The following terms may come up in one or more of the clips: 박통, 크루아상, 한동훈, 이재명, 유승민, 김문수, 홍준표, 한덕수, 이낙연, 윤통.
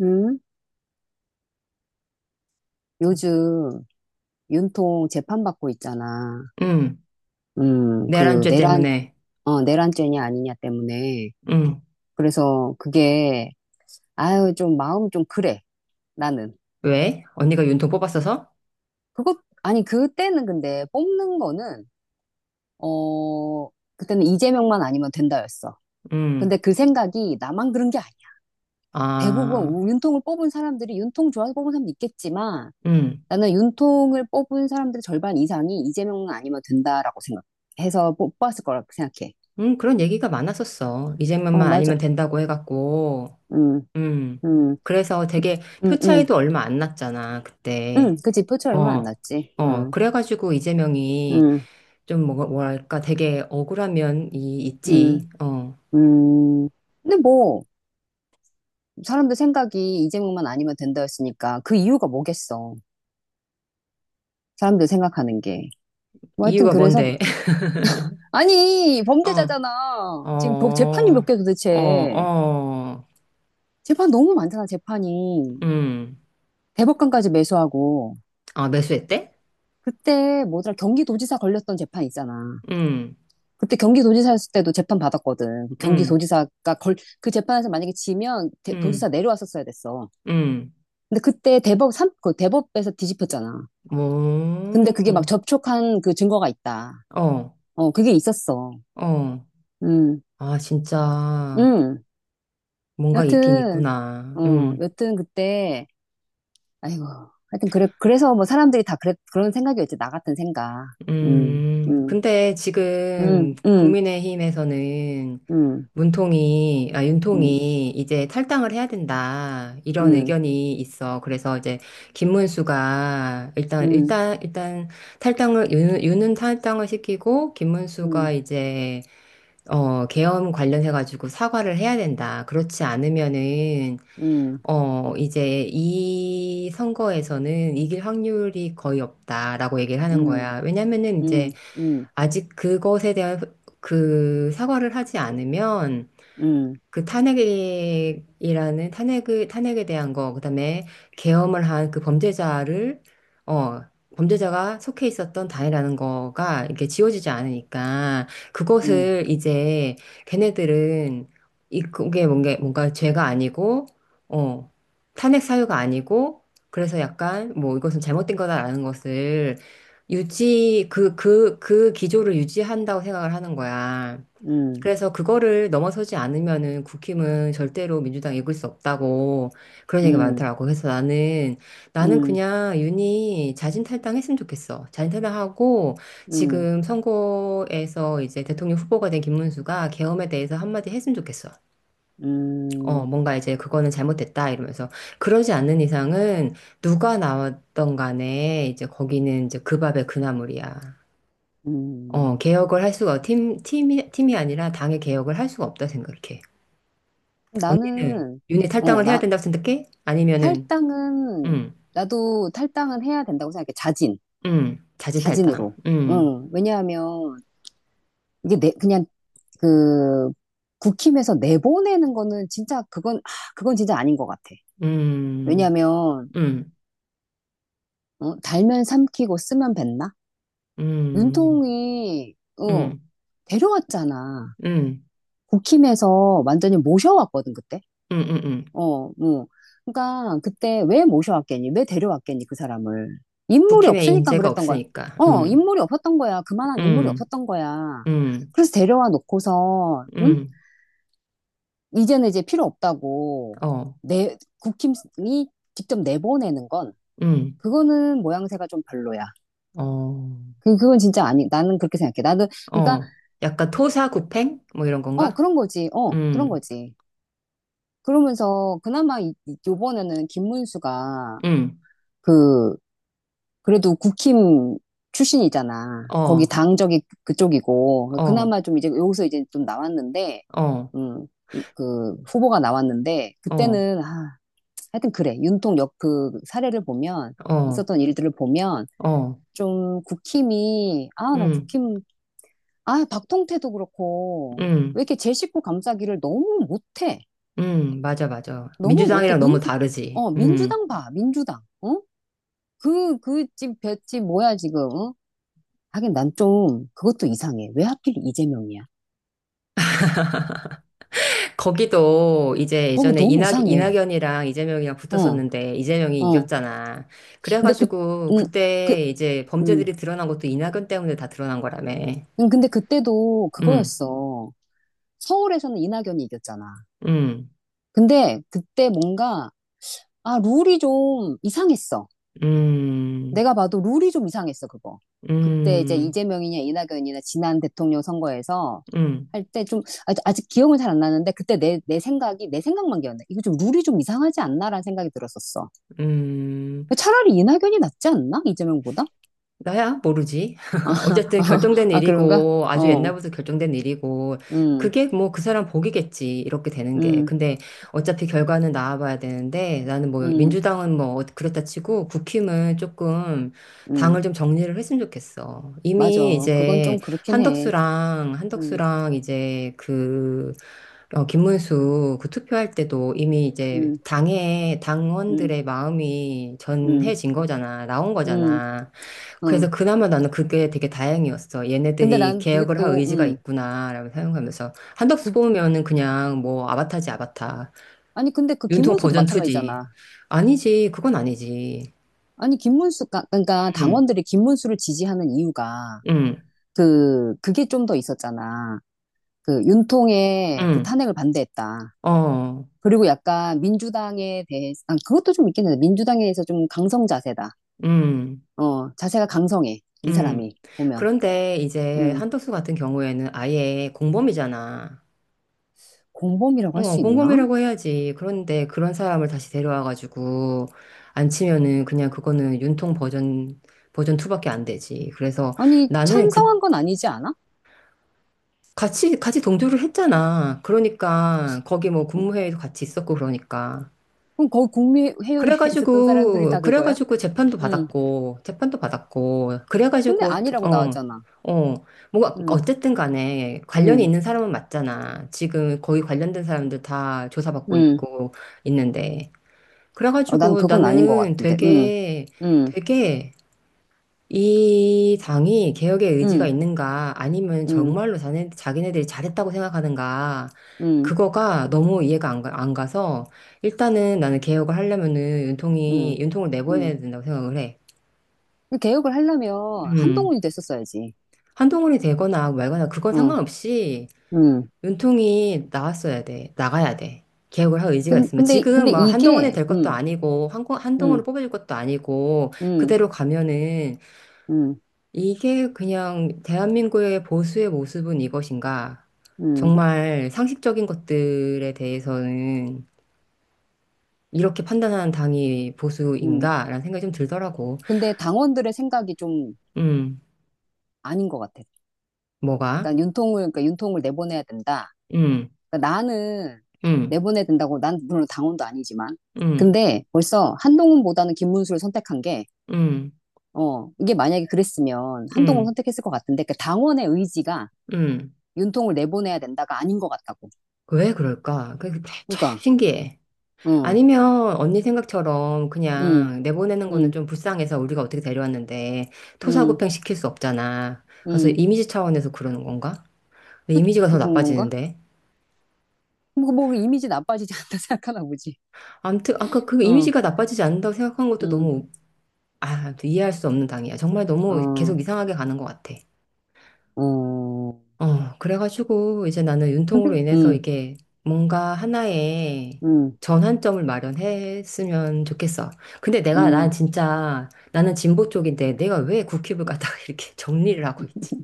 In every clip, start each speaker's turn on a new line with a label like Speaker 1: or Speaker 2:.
Speaker 1: 음, 요즘 윤통 재판받고 있잖아.
Speaker 2: 음,
Speaker 1: 음, 그
Speaker 2: 내란죄
Speaker 1: 내란,
Speaker 2: 때문에.
Speaker 1: 내란죄냐 아니냐 때문에.
Speaker 2: 음,
Speaker 1: 그래서 그게, 아유, 좀 마음 좀 그래, 나는.
Speaker 2: 왜? 언니가 윤통 뽑았어서?
Speaker 1: 그것, 아니, 그때는 근데 뽑는 거는, 어, 그때는 이재명만 아니면 된다였어.
Speaker 2: 음,
Speaker 1: 근데 그 생각이 나만 그런 게 아니야. 대부분
Speaker 2: 아,
Speaker 1: 윤통을 뽑은 사람들이 윤통 좋아서 뽑은 사람도 있겠지만,
Speaker 2: 음,
Speaker 1: 나는 윤통을 뽑은 사람들의 절반 이상이 이재명은 아니면 된다라고 생각해서 뽑았을 거라고 생각해.
Speaker 2: 그런 얘기가 많았었어.
Speaker 1: 어,
Speaker 2: 이재명만
Speaker 1: 맞아.
Speaker 2: 아니면 된다고 해갖고.
Speaker 1: 음.
Speaker 2: 음,
Speaker 1: 음.
Speaker 2: 그래서 되게
Speaker 1: 음.
Speaker 2: 표
Speaker 1: 음.
Speaker 2: 차이도 얼마 안 났잖아, 그때.
Speaker 1: 그치. 표치 얼마 안
Speaker 2: 어,
Speaker 1: 났지.
Speaker 2: 어,
Speaker 1: 음.
Speaker 2: 그래가지고 이재명이
Speaker 1: 음.
Speaker 2: 좀 뭐랄까 되게 억울한 면이
Speaker 1: 음.
Speaker 2: 있지. 어,
Speaker 1: 음. 근데 뭐, 사람들 생각이 이재명만 아니면 된다였으니까 그 이유가 뭐겠어. 사람들 생각하는 게. 뭐 하여튼
Speaker 2: 이유가
Speaker 1: 그래서,
Speaker 2: 뭔데?
Speaker 1: 아니,
Speaker 2: 어,
Speaker 1: 범죄자잖아. 지금 재판이 몇
Speaker 2: 어,
Speaker 1: 개
Speaker 2: 어,
Speaker 1: 도대체.
Speaker 2: 어,
Speaker 1: 재판 너무 많잖아, 재판이.
Speaker 2: 음,
Speaker 1: 대법관까지 매수하고.
Speaker 2: 아, 매수했대?
Speaker 1: 그때 뭐더라, 경기도지사 걸렸던 재판 있잖아.
Speaker 2: 음.
Speaker 1: 그때 경기도지사였을 때도 재판 받았거든.
Speaker 2: 응
Speaker 1: 경기도지사가 그 재판에서 만약에 지면
Speaker 2: 응
Speaker 1: 도지사 내려왔었어야 됐어.
Speaker 2: 응
Speaker 1: 근데 그때 그 대법에서 뒤집혔잖아. 근데
Speaker 2: 뭐,
Speaker 1: 그게 막 접촉한 그 증거가 있다.
Speaker 2: 어,
Speaker 1: 어, 그게 있었어.
Speaker 2: 어.
Speaker 1: 음.
Speaker 2: 아, 진짜,
Speaker 1: 음.
Speaker 2: 뭔가 있긴
Speaker 1: 여튼,
Speaker 2: 있구나. 응
Speaker 1: 여튼 그때, 아이고, 하여튼 그래, 그래서 뭐 사람들이 다 그런 생각이었지. 나 같은 생각. 음. 음.
Speaker 2: 근데 지금
Speaker 1: 음. 음.
Speaker 2: 국민의힘에서는
Speaker 1: 음. 음.
Speaker 2: 윤통이 이제 탈당을 해야 된다. 이런
Speaker 1: 음.
Speaker 2: 의견이 있어. 그래서 이제 김문수가 일단,
Speaker 1: 음.
Speaker 2: 일단, 일단 탈당을, 윤은 탈당을 시키고,
Speaker 1: 음.
Speaker 2: 김문수가 이제 어, 계엄 관련해가지고 사과를 해야 된다. 그렇지 않으면은,
Speaker 1: 음.
Speaker 2: 어, 이제 이 선거에서는 이길 확률이 거의 없다라고 얘기를 하는
Speaker 1: 음.
Speaker 2: 거야. 왜냐면은 이제
Speaker 1: 음. 음.
Speaker 2: 아직 그것에 대한 그 사과를 하지 않으면
Speaker 1: 음.
Speaker 2: 그 탄핵이라는 탄핵을 탄핵에 대한 거, 그다음에 계엄을 한 그 범죄자를 어 범죄자가 속해 있었던 단이라는 거가 이게 지워지지 않으니까
Speaker 1: 음.
Speaker 2: 그것을 이제 걔네들은 이 그게 뭔가 죄가 아니고 어 탄핵 사유가 아니고 그래서 약간 뭐 이것은 잘못된 거다라는 것을 유지 그 기조를 유지한다고 생각을 하는 거야.
Speaker 1: 음.
Speaker 2: 그래서 그거를 넘어서지 않으면은 국힘은 절대로 민주당 이길 수 없다고 그런 얘기가
Speaker 1: 음.
Speaker 2: 많더라고. 그래서 나는
Speaker 1: 음.
Speaker 2: 그냥 윤이 자진 탈당했으면 좋겠어. 자진 탈당하고
Speaker 1: 음.
Speaker 2: 지금 선거에서 이제 대통령 후보가 된 김문수가 계엄에 대해서 한마디 했으면 좋겠어. 어,
Speaker 1: 음.
Speaker 2: 뭔가 이제 그거는 잘못됐다 이러면서 그러지 않는 이상은 누가 나왔던 간에 이제 거기는 이제 그 밥에 그 나물이야. 어,
Speaker 1: 음.
Speaker 2: 개혁을 할 수가 팀 팀이 팀이 아니라 당의 개혁을 할 수가 없다 생각해. 언니는
Speaker 1: 나는,
Speaker 2: 윤희
Speaker 1: 어,
Speaker 2: 탈당을 해야
Speaker 1: 나,
Speaker 2: 된다고 생각해? 아니면은,
Speaker 1: 탈당은,
Speaker 2: 음,
Speaker 1: 나도 탈당은 해야 된다고 생각해. 자진.
Speaker 2: 자진 탈당,
Speaker 1: 자진으로. 응. 왜냐하면, 그냥, 그, 국힘에서 내보내는 거는 진짜, 그건 진짜 아닌 것 같아.
Speaker 2: 음,
Speaker 1: 왜냐하면,
Speaker 2: 음,
Speaker 1: 달면 삼키고 쓰면 뱉나?
Speaker 2: 음,
Speaker 1: 윤통이,
Speaker 2: 음,
Speaker 1: 어,
Speaker 2: 음,
Speaker 1: 데려왔잖아.
Speaker 2: 음,
Speaker 1: 국힘에서 완전히 모셔왔거든, 그때.
Speaker 2: 음, 음.
Speaker 1: 어, 뭐. 그러니까 그때 왜 모셔왔겠니? 왜 데려왔겠니, 그 사람을. 인물이
Speaker 2: 국힘에
Speaker 1: 없으니까
Speaker 2: 인재가
Speaker 1: 그랬던 거야.
Speaker 2: 없으니까,
Speaker 1: 인물이 없었던 거야. 그만한 인물이
Speaker 2: 음,
Speaker 1: 없었던 거야.
Speaker 2: 음,
Speaker 1: 그래서 데려와 놓고서, 응?
Speaker 2: 음,
Speaker 1: 이제는 이제 필요 없다고.
Speaker 2: 어,
Speaker 1: 국힘이 직접 내보내는 건,
Speaker 2: 음,
Speaker 1: 그거는 모양새가 좀 별로야.
Speaker 2: 어,
Speaker 1: 그건 진짜 아니, 나는 그렇게 생각해. 나도, 그러니까,
Speaker 2: 어. 약간 토사구팽? 뭐 이런
Speaker 1: 어,
Speaker 2: 건가?
Speaker 1: 그런 거지. 어, 그런
Speaker 2: 음,
Speaker 1: 거지. 그러면서 그나마 이번에는 김문수가
Speaker 2: 음,
Speaker 1: 그, 그래도 국힘 출신이잖아. 거기
Speaker 2: 어,
Speaker 1: 당적이 그쪽이고.
Speaker 2: 어,
Speaker 1: 그나마 좀 이제 여기서 이제 좀 나왔는데,
Speaker 2: 어,
Speaker 1: 음, 그 후보가 나왔는데,
Speaker 2: 어,
Speaker 1: 하여튼 그래. 윤통역 그 사례를 보면,
Speaker 2: 어,
Speaker 1: 있었던 일들을 보면,
Speaker 2: 어,
Speaker 1: 좀 국힘이, 난
Speaker 2: 음,
Speaker 1: 국힘, 박통태도 그렇고,
Speaker 2: 음.
Speaker 1: 왜 이렇게 제 식구 감싸기를 너무 못해.
Speaker 2: 맞아, 맞아.
Speaker 1: 너무 못해.
Speaker 2: 민주당이랑 너무 다르지. 음.
Speaker 1: 민주당 봐, 민주당. 어? 볏집 뭐야, 지금. 어? 하긴 난 좀 그것도 이상해. 왜 하필 이재명이야?
Speaker 2: 거기도 이제
Speaker 1: 거기
Speaker 2: 예전에
Speaker 1: 너무 이상해.
Speaker 2: 이낙연이랑 이재명이랑
Speaker 1: 어,
Speaker 2: 붙었었는데 이재명이
Speaker 1: 어.
Speaker 2: 이겼잖아.
Speaker 1: 근데 그,
Speaker 2: 그래가지고
Speaker 1: 음, 그,
Speaker 2: 그때 이제
Speaker 1: 음.
Speaker 2: 범죄들이 드러난 것도 이낙연 때문에 다 드러난 거라며.
Speaker 1: 근데 그때도
Speaker 2: 음,
Speaker 1: 그거였어. 서울에서는 이낙연이 이겼잖아.
Speaker 2: 음,
Speaker 1: 근데 그때 뭔가, 룰이 좀 이상했어.
Speaker 2: 음,
Speaker 1: 내가 봐도 룰이 좀 이상했어, 그거. 그때 이제
Speaker 2: 음,
Speaker 1: 이재명이냐 이낙연이냐 지난 대통령 선거에서
Speaker 2: 음,
Speaker 1: 할 때 좀, 아직 기억은 잘 안 나는데 그때 내 생각만 기억나. 이거 좀 룰이 좀 이상하지 않나라는 생각이 들었었어.
Speaker 2: 음.
Speaker 1: 차라리 이낙연이 낫지 않나? 이재명보다?
Speaker 2: 나야 모르지. 어쨌든 결정된
Speaker 1: 그런가?
Speaker 2: 일이고 아주
Speaker 1: 어.
Speaker 2: 옛날부터 결정된 일이고
Speaker 1: 음.
Speaker 2: 그게 뭐 그 사람 복이겠지 이렇게 되는 게.
Speaker 1: 음.
Speaker 2: 근데 어차피 결과는 나와봐야 되는데 나는 뭐
Speaker 1: 음.
Speaker 2: 민주당은 뭐 그랬다 치고 국힘은 조금
Speaker 1: 음,
Speaker 2: 당을 좀 정리를 했으면 좋겠어.
Speaker 1: 맞아.
Speaker 2: 이미
Speaker 1: 그건
Speaker 2: 이제
Speaker 1: 좀 그렇긴 해.
Speaker 2: 한덕수랑
Speaker 1: 음.
Speaker 2: 한덕수랑 이제 그 어, 김문수 그 투표할 때도 이미 이제
Speaker 1: 음.
Speaker 2: 당의
Speaker 1: 음.
Speaker 2: 당원들의 마음이
Speaker 1: 음.
Speaker 2: 전해진 거잖아. 나온
Speaker 1: 음.
Speaker 2: 거잖아. 그래서
Speaker 1: 어.
Speaker 2: 그나마 나는 그게 되게 다행이었어.
Speaker 1: 근데
Speaker 2: 얘네들이
Speaker 1: 난 그게
Speaker 2: 개혁을 할
Speaker 1: 또,
Speaker 2: 의지가 있구나라고 생각하면서. 한덕수
Speaker 1: 그,
Speaker 2: 뽑으면은 그냥 뭐 아바타지 아바타.
Speaker 1: 아니, 근데 그
Speaker 2: 윤통
Speaker 1: 김문수도
Speaker 2: 버전 2지.
Speaker 1: 마찬가지잖아.
Speaker 2: 아니지. 그건 아니지.
Speaker 1: 아니, 김문수, 그러니까
Speaker 2: 응,
Speaker 1: 당원들이 김문수를 지지하는 이유가
Speaker 2: 응,
Speaker 1: 그게 좀 더 있었잖아. 그 윤통의 그
Speaker 2: 응,
Speaker 1: 탄핵을 반대했다.
Speaker 2: 어,
Speaker 1: 그리고 약간 민주당에 대해서, 그것도 좀 있긴 한데, 민주당에서 좀 강성 자세다.
Speaker 2: 응,
Speaker 1: 자세가 강성해. 이
Speaker 2: 응.
Speaker 1: 사람이, 보면.
Speaker 2: 그런데 이제
Speaker 1: 음,
Speaker 2: 한덕수 같은 경우에는 아예 공범이잖아.
Speaker 1: 공범이라고 할
Speaker 2: 어,
Speaker 1: 수 있나?
Speaker 2: 공범이라고 해야지. 그런데 그런 사람을 다시 데려와가지고 안 치면은 그냥 그거는 버전 2밖에 안 되지. 그래서
Speaker 1: 아니,
Speaker 2: 나는 그,
Speaker 1: 찬성한 건 아니지 않아?
Speaker 2: 같이 동조를 했잖아. 그러니까 거기 뭐
Speaker 1: 어,
Speaker 2: 국무회의도 같이 있었고 그러니까.
Speaker 1: 그럼 거기 국민회의에 있었던 사람들이 다 그거야?
Speaker 2: 그래가지고
Speaker 1: 음,
Speaker 2: 재판도 받았고,
Speaker 1: 근데
Speaker 2: 그래가지고,
Speaker 1: 아니라고
Speaker 2: 어,
Speaker 1: 나왔잖아.
Speaker 2: 어, 뭐가,
Speaker 1: 음.
Speaker 2: 어쨌든 간에 관련이
Speaker 1: 음.
Speaker 2: 있는 사람은 맞잖아. 지금 거의 관련된 사람들 다 조사받고
Speaker 1: 음.
Speaker 2: 있고, 있는데.
Speaker 1: 어, 난
Speaker 2: 그래가지고
Speaker 1: 그건 아닌 것
Speaker 2: 나는
Speaker 1: 같은데. 음.
Speaker 2: 되게,
Speaker 1: 음.
Speaker 2: 되게 이 당이 개혁의 의지가
Speaker 1: 음.
Speaker 2: 있는가 아니면
Speaker 1: 음.
Speaker 2: 정말로 자기네들이 잘했다고 생각하는가
Speaker 1: 음.
Speaker 2: 그거가 너무 이해가 안 가서 일단은 나는 개혁을 하려면은
Speaker 1: 음.
Speaker 2: 윤통을
Speaker 1: 음.
Speaker 2: 내보내야 된다고 생각을 해.
Speaker 1: 개혁을 하려면
Speaker 2: 음.
Speaker 1: 한동훈이 됐었어야지.
Speaker 2: 한동훈이 되거나 말거나 그건
Speaker 1: 어.
Speaker 2: 상관없이
Speaker 1: 음.
Speaker 2: 윤통이 나왔어야 돼. 나가야 돼. 개혁을 할 의지가
Speaker 1: 근-
Speaker 2: 있으면.
Speaker 1: 근데, 근데
Speaker 2: 지금 막 한동훈이
Speaker 1: 이게,
Speaker 2: 될 것도
Speaker 1: 음,
Speaker 2: 아니고, 한동훈을
Speaker 1: 음,
Speaker 2: 뽑아줄 것도 아니고,
Speaker 1: 음,
Speaker 2: 그대로 가면은
Speaker 1: 음,
Speaker 2: 이게 그냥 대한민국의 보수의 모습은 이것인가?
Speaker 1: 음,
Speaker 2: 정말 상식적인 것들에 대해서는 이렇게 판단하는 당이
Speaker 1: 음.
Speaker 2: 보수인가? 라는 생각이 좀 들더라고.
Speaker 1: 근데 당원들의 생각이 좀
Speaker 2: 음,
Speaker 1: 아닌 것 같아.
Speaker 2: 뭐가?
Speaker 1: 그러니까 윤통을 내보내야 된다.
Speaker 2: 음,
Speaker 1: 그러니까 나는
Speaker 2: 음,
Speaker 1: 내보내야 된다고, 난 물론 당원도 아니지만.
Speaker 2: 음,
Speaker 1: 근데 벌써 한동훈보다는 김문수를 선택한 게,
Speaker 2: 음,
Speaker 1: 이게 만약에 그랬으면 한동훈
Speaker 2: 음,
Speaker 1: 선택했을 것 같은데, 그 당원의 의지가
Speaker 2: 음.
Speaker 1: 윤통을 내보내야 된다가 아닌 것 같다고.
Speaker 2: 왜 그럴까? 그게 참
Speaker 1: 그러니까,
Speaker 2: 신기해.
Speaker 1: 어,
Speaker 2: 아니면 언니 생각처럼
Speaker 1: 음,
Speaker 2: 그냥 내보내는 거는
Speaker 1: 음,
Speaker 2: 좀 불쌍해서 우리가 어떻게 데려왔는데
Speaker 1: 음,
Speaker 2: 토사구팽 시킬 수 없잖아. 그래서
Speaker 1: 음,
Speaker 2: 이미지 차원에서 그러는 건가? 근데 이미지가 더
Speaker 1: 그건 건가?
Speaker 2: 나빠지는데.
Speaker 1: 뭐 이미지 나빠지지 않다 생각하나 보지.
Speaker 2: 아무튼 아까 그
Speaker 1: 어.
Speaker 2: 이미지가 나빠지지 않는다고 생각한 것도
Speaker 1: 음.
Speaker 2: 너무 아, 아무튼 이해할 수 없는 당이야. 정말 너무
Speaker 1: 어.
Speaker 2: 계속 이상하게 가는 것 같아.
Speaker 1: 어.
Speaker 2: 어, 그래가지고 이제 나는
Speaker 1: 근데,
Speaker 2: 윤통으로 인해서
Speaker 1: 음,
Speaker 2: 이게 뭔가 하나의
Speaker 1: 음,
Speaker 2: 전환점을 마련했으면 좋겠어. 근데 난
Speaker 1: 음.
Speaker 2: 진짜, 나는 진보 쪽인데 내가 왜 국힙을 갖다가 이렇게 정리를 하고 있지?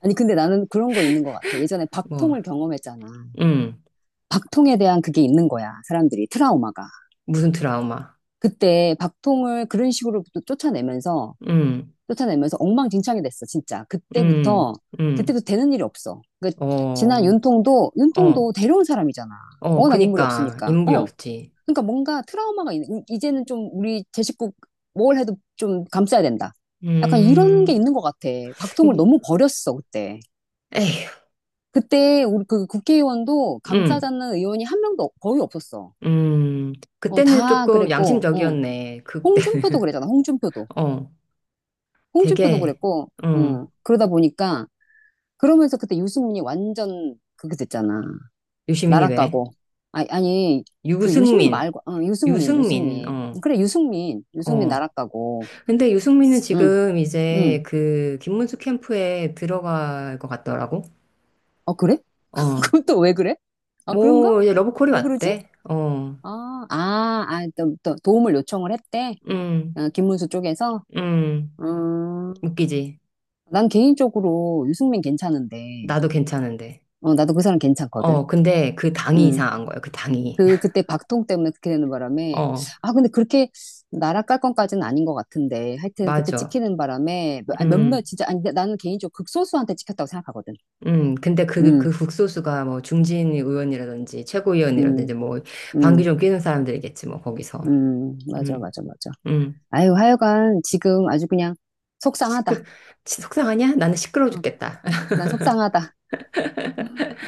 Speaker 1: 아니, 근데 나는 그런 거 있는 것 같아. 예전에
Speaker 2: 뭐,
Speaker 1: 박통을 경험했잖아.
Speaker 2: 음,
Speaker 1: 박통에 대한 그게 있는 거야. 사람들이 트라우마가.
Speaker 2: 무슨 드라마,
Speaker 1: 그때 박통을 그런 식으로 또 쫓아내면서,
Speaker 2: 음,
Speaker 1: 쫓아내면서 엉망진창이 됐어, 진짜.
Speaker 2: 음,
Speaker 1: 그때부터,
Speaker 2: 음,
Speaker 1: 그때부터 되는 일이 없어. 지난
Speaker 2: 어,
Speaker 1: 윤통도,
Speaker 2: 어,
Speaker 1: 윤통도 데려온 사람이잖아.
Speaker 2: 어,
Speaker 1: 워낙 인물이
Speaker 2: 그니까
Speaker 1: 없으니까.
Speaker 2: 인물이
Speaker 1: 어.
Speaker 2: 없지.
Speaker 1: 그러니까 뭔가 트라우마가 있는, 이제는 좀 우리 제 식구 뭘 해도 좀 감싸야 된다. 약간 이런 게
Speaker 2: 음,
Speaker 1: 있는 것 같아. 박통을 너무 버렸어, 그때.
Speaker 2: 에휴,
Speaker 1: 그때 우리 그 국회의원도
Speaker 2: 음,
Speaker 1: 감싸자는 의원이 거의 없었어.
Speaker 2: 음.
Speaker 1: 어,
Speaker 2: 그때는
Speaker 1: 다
Speaker 2: 조금
Speaker 1: 그랬고, 어.
Speaker 2: 양심적이었네. 그때.
Speaker 1: 홍준표도 그랬잖아, 홍준표도.
Speaker 2: 어.
Speaker 1: 홍준표도
Speaker 2: 되게,
Speaker 1: 그랬고,
Speaker 2: 응,
Speaker 1: 어. 그러다 보니까, 그러면서 그때 유승민이 완전 그게 됐잖아.
Speaker 2: 유시민이 왜?
Speaker 1: 날아가고. 아니, 그 유시민
Speaker 2: 유승민,
Speaker 1: 말고, 유승민,
Speaker 2: 유승민,
Speaker 1: 유승민.
Speaker 2: 어,
Speaker 1: 그래, 유승민. 유승민
Speaker 2: 어.
Speaker 1: 날아가고.
Speaker 2: 근데 유승민은
Speaker 1: 응,
Speaker 2: 지금
Speaker 1: 응.
Speaker 2: 이제 그 김문수 캠프에 들어갈 것 같더라고.
Speaker 1: 어, 그래?
Speaker 2: 어,
Speaker 1: 그럼 또 왜 그래? 아, 그런가?
Speaker 2: 뭐, 이제 러브콜이
Speaker 1: 왜 그러지?
Speaker 2: 왔대. 어,
Speaker 1: 또 도움을 요청을 했대.
Speaker 2: 음,
Speaker 1: 어, 김문수 쪽에서.
Speaker 2: 음,
Speaker 1: 음,
Speaker 2: 웃기지.
Speaker 1: 난 개인적으로 유승민 괜찮은데.
Speaker 2: 나도 괜찮은데.
Speaker 1: 어, 나도 그 사람 괜찮거든.
Speaker 2: 어, 근데 그 당이
Speaker 1: 음.
Speaker 2: 이상한 거야, 그 당이.
Speaker 1: 그, 그때 박통 때문에 그렇게 되는 바람에.
Speaker 2: 어,
Speaker 1: 아, 근데 그렇게 나락 깔 건까지는 아닌 것 같은데. 하여튼 그때
Speaker 2: 맞아.
Speaker 1: 찍히는 바람에 아니, 몇몇
Speaker 2: 음.
Speaker 1: 진짜, 아니, 근데 나는 개인적으로 극소수한테 찍혔다고 생각하거든.
Speaker 2: 근데
Speaker 1: 음.
Speaker 2: 그 국소수가 뭐 중진 의원이라든지
Speaker 1: 음.
Speaker 2: 최고위원이라든지 뭐 방귀
Speaker 1: 음.
Speaker 2: 좀 뀌는 사람들이겠지, 뭐 거기서.
Speaker 1: 음. 맞아,
Speaker 2: 음,
Speaker 1: 맞아, 맞아.
Speaker 2: 음.
Speaker 1: 아유, 하여간 지금 아주 그냥 속상하다.
Speaker 2: 시끄, 시- 속상하냐? 나는 시끄러워
Speaker 1: 어,
Speaker 2: 죽겠다.
Speaker 1: 난 속상하다.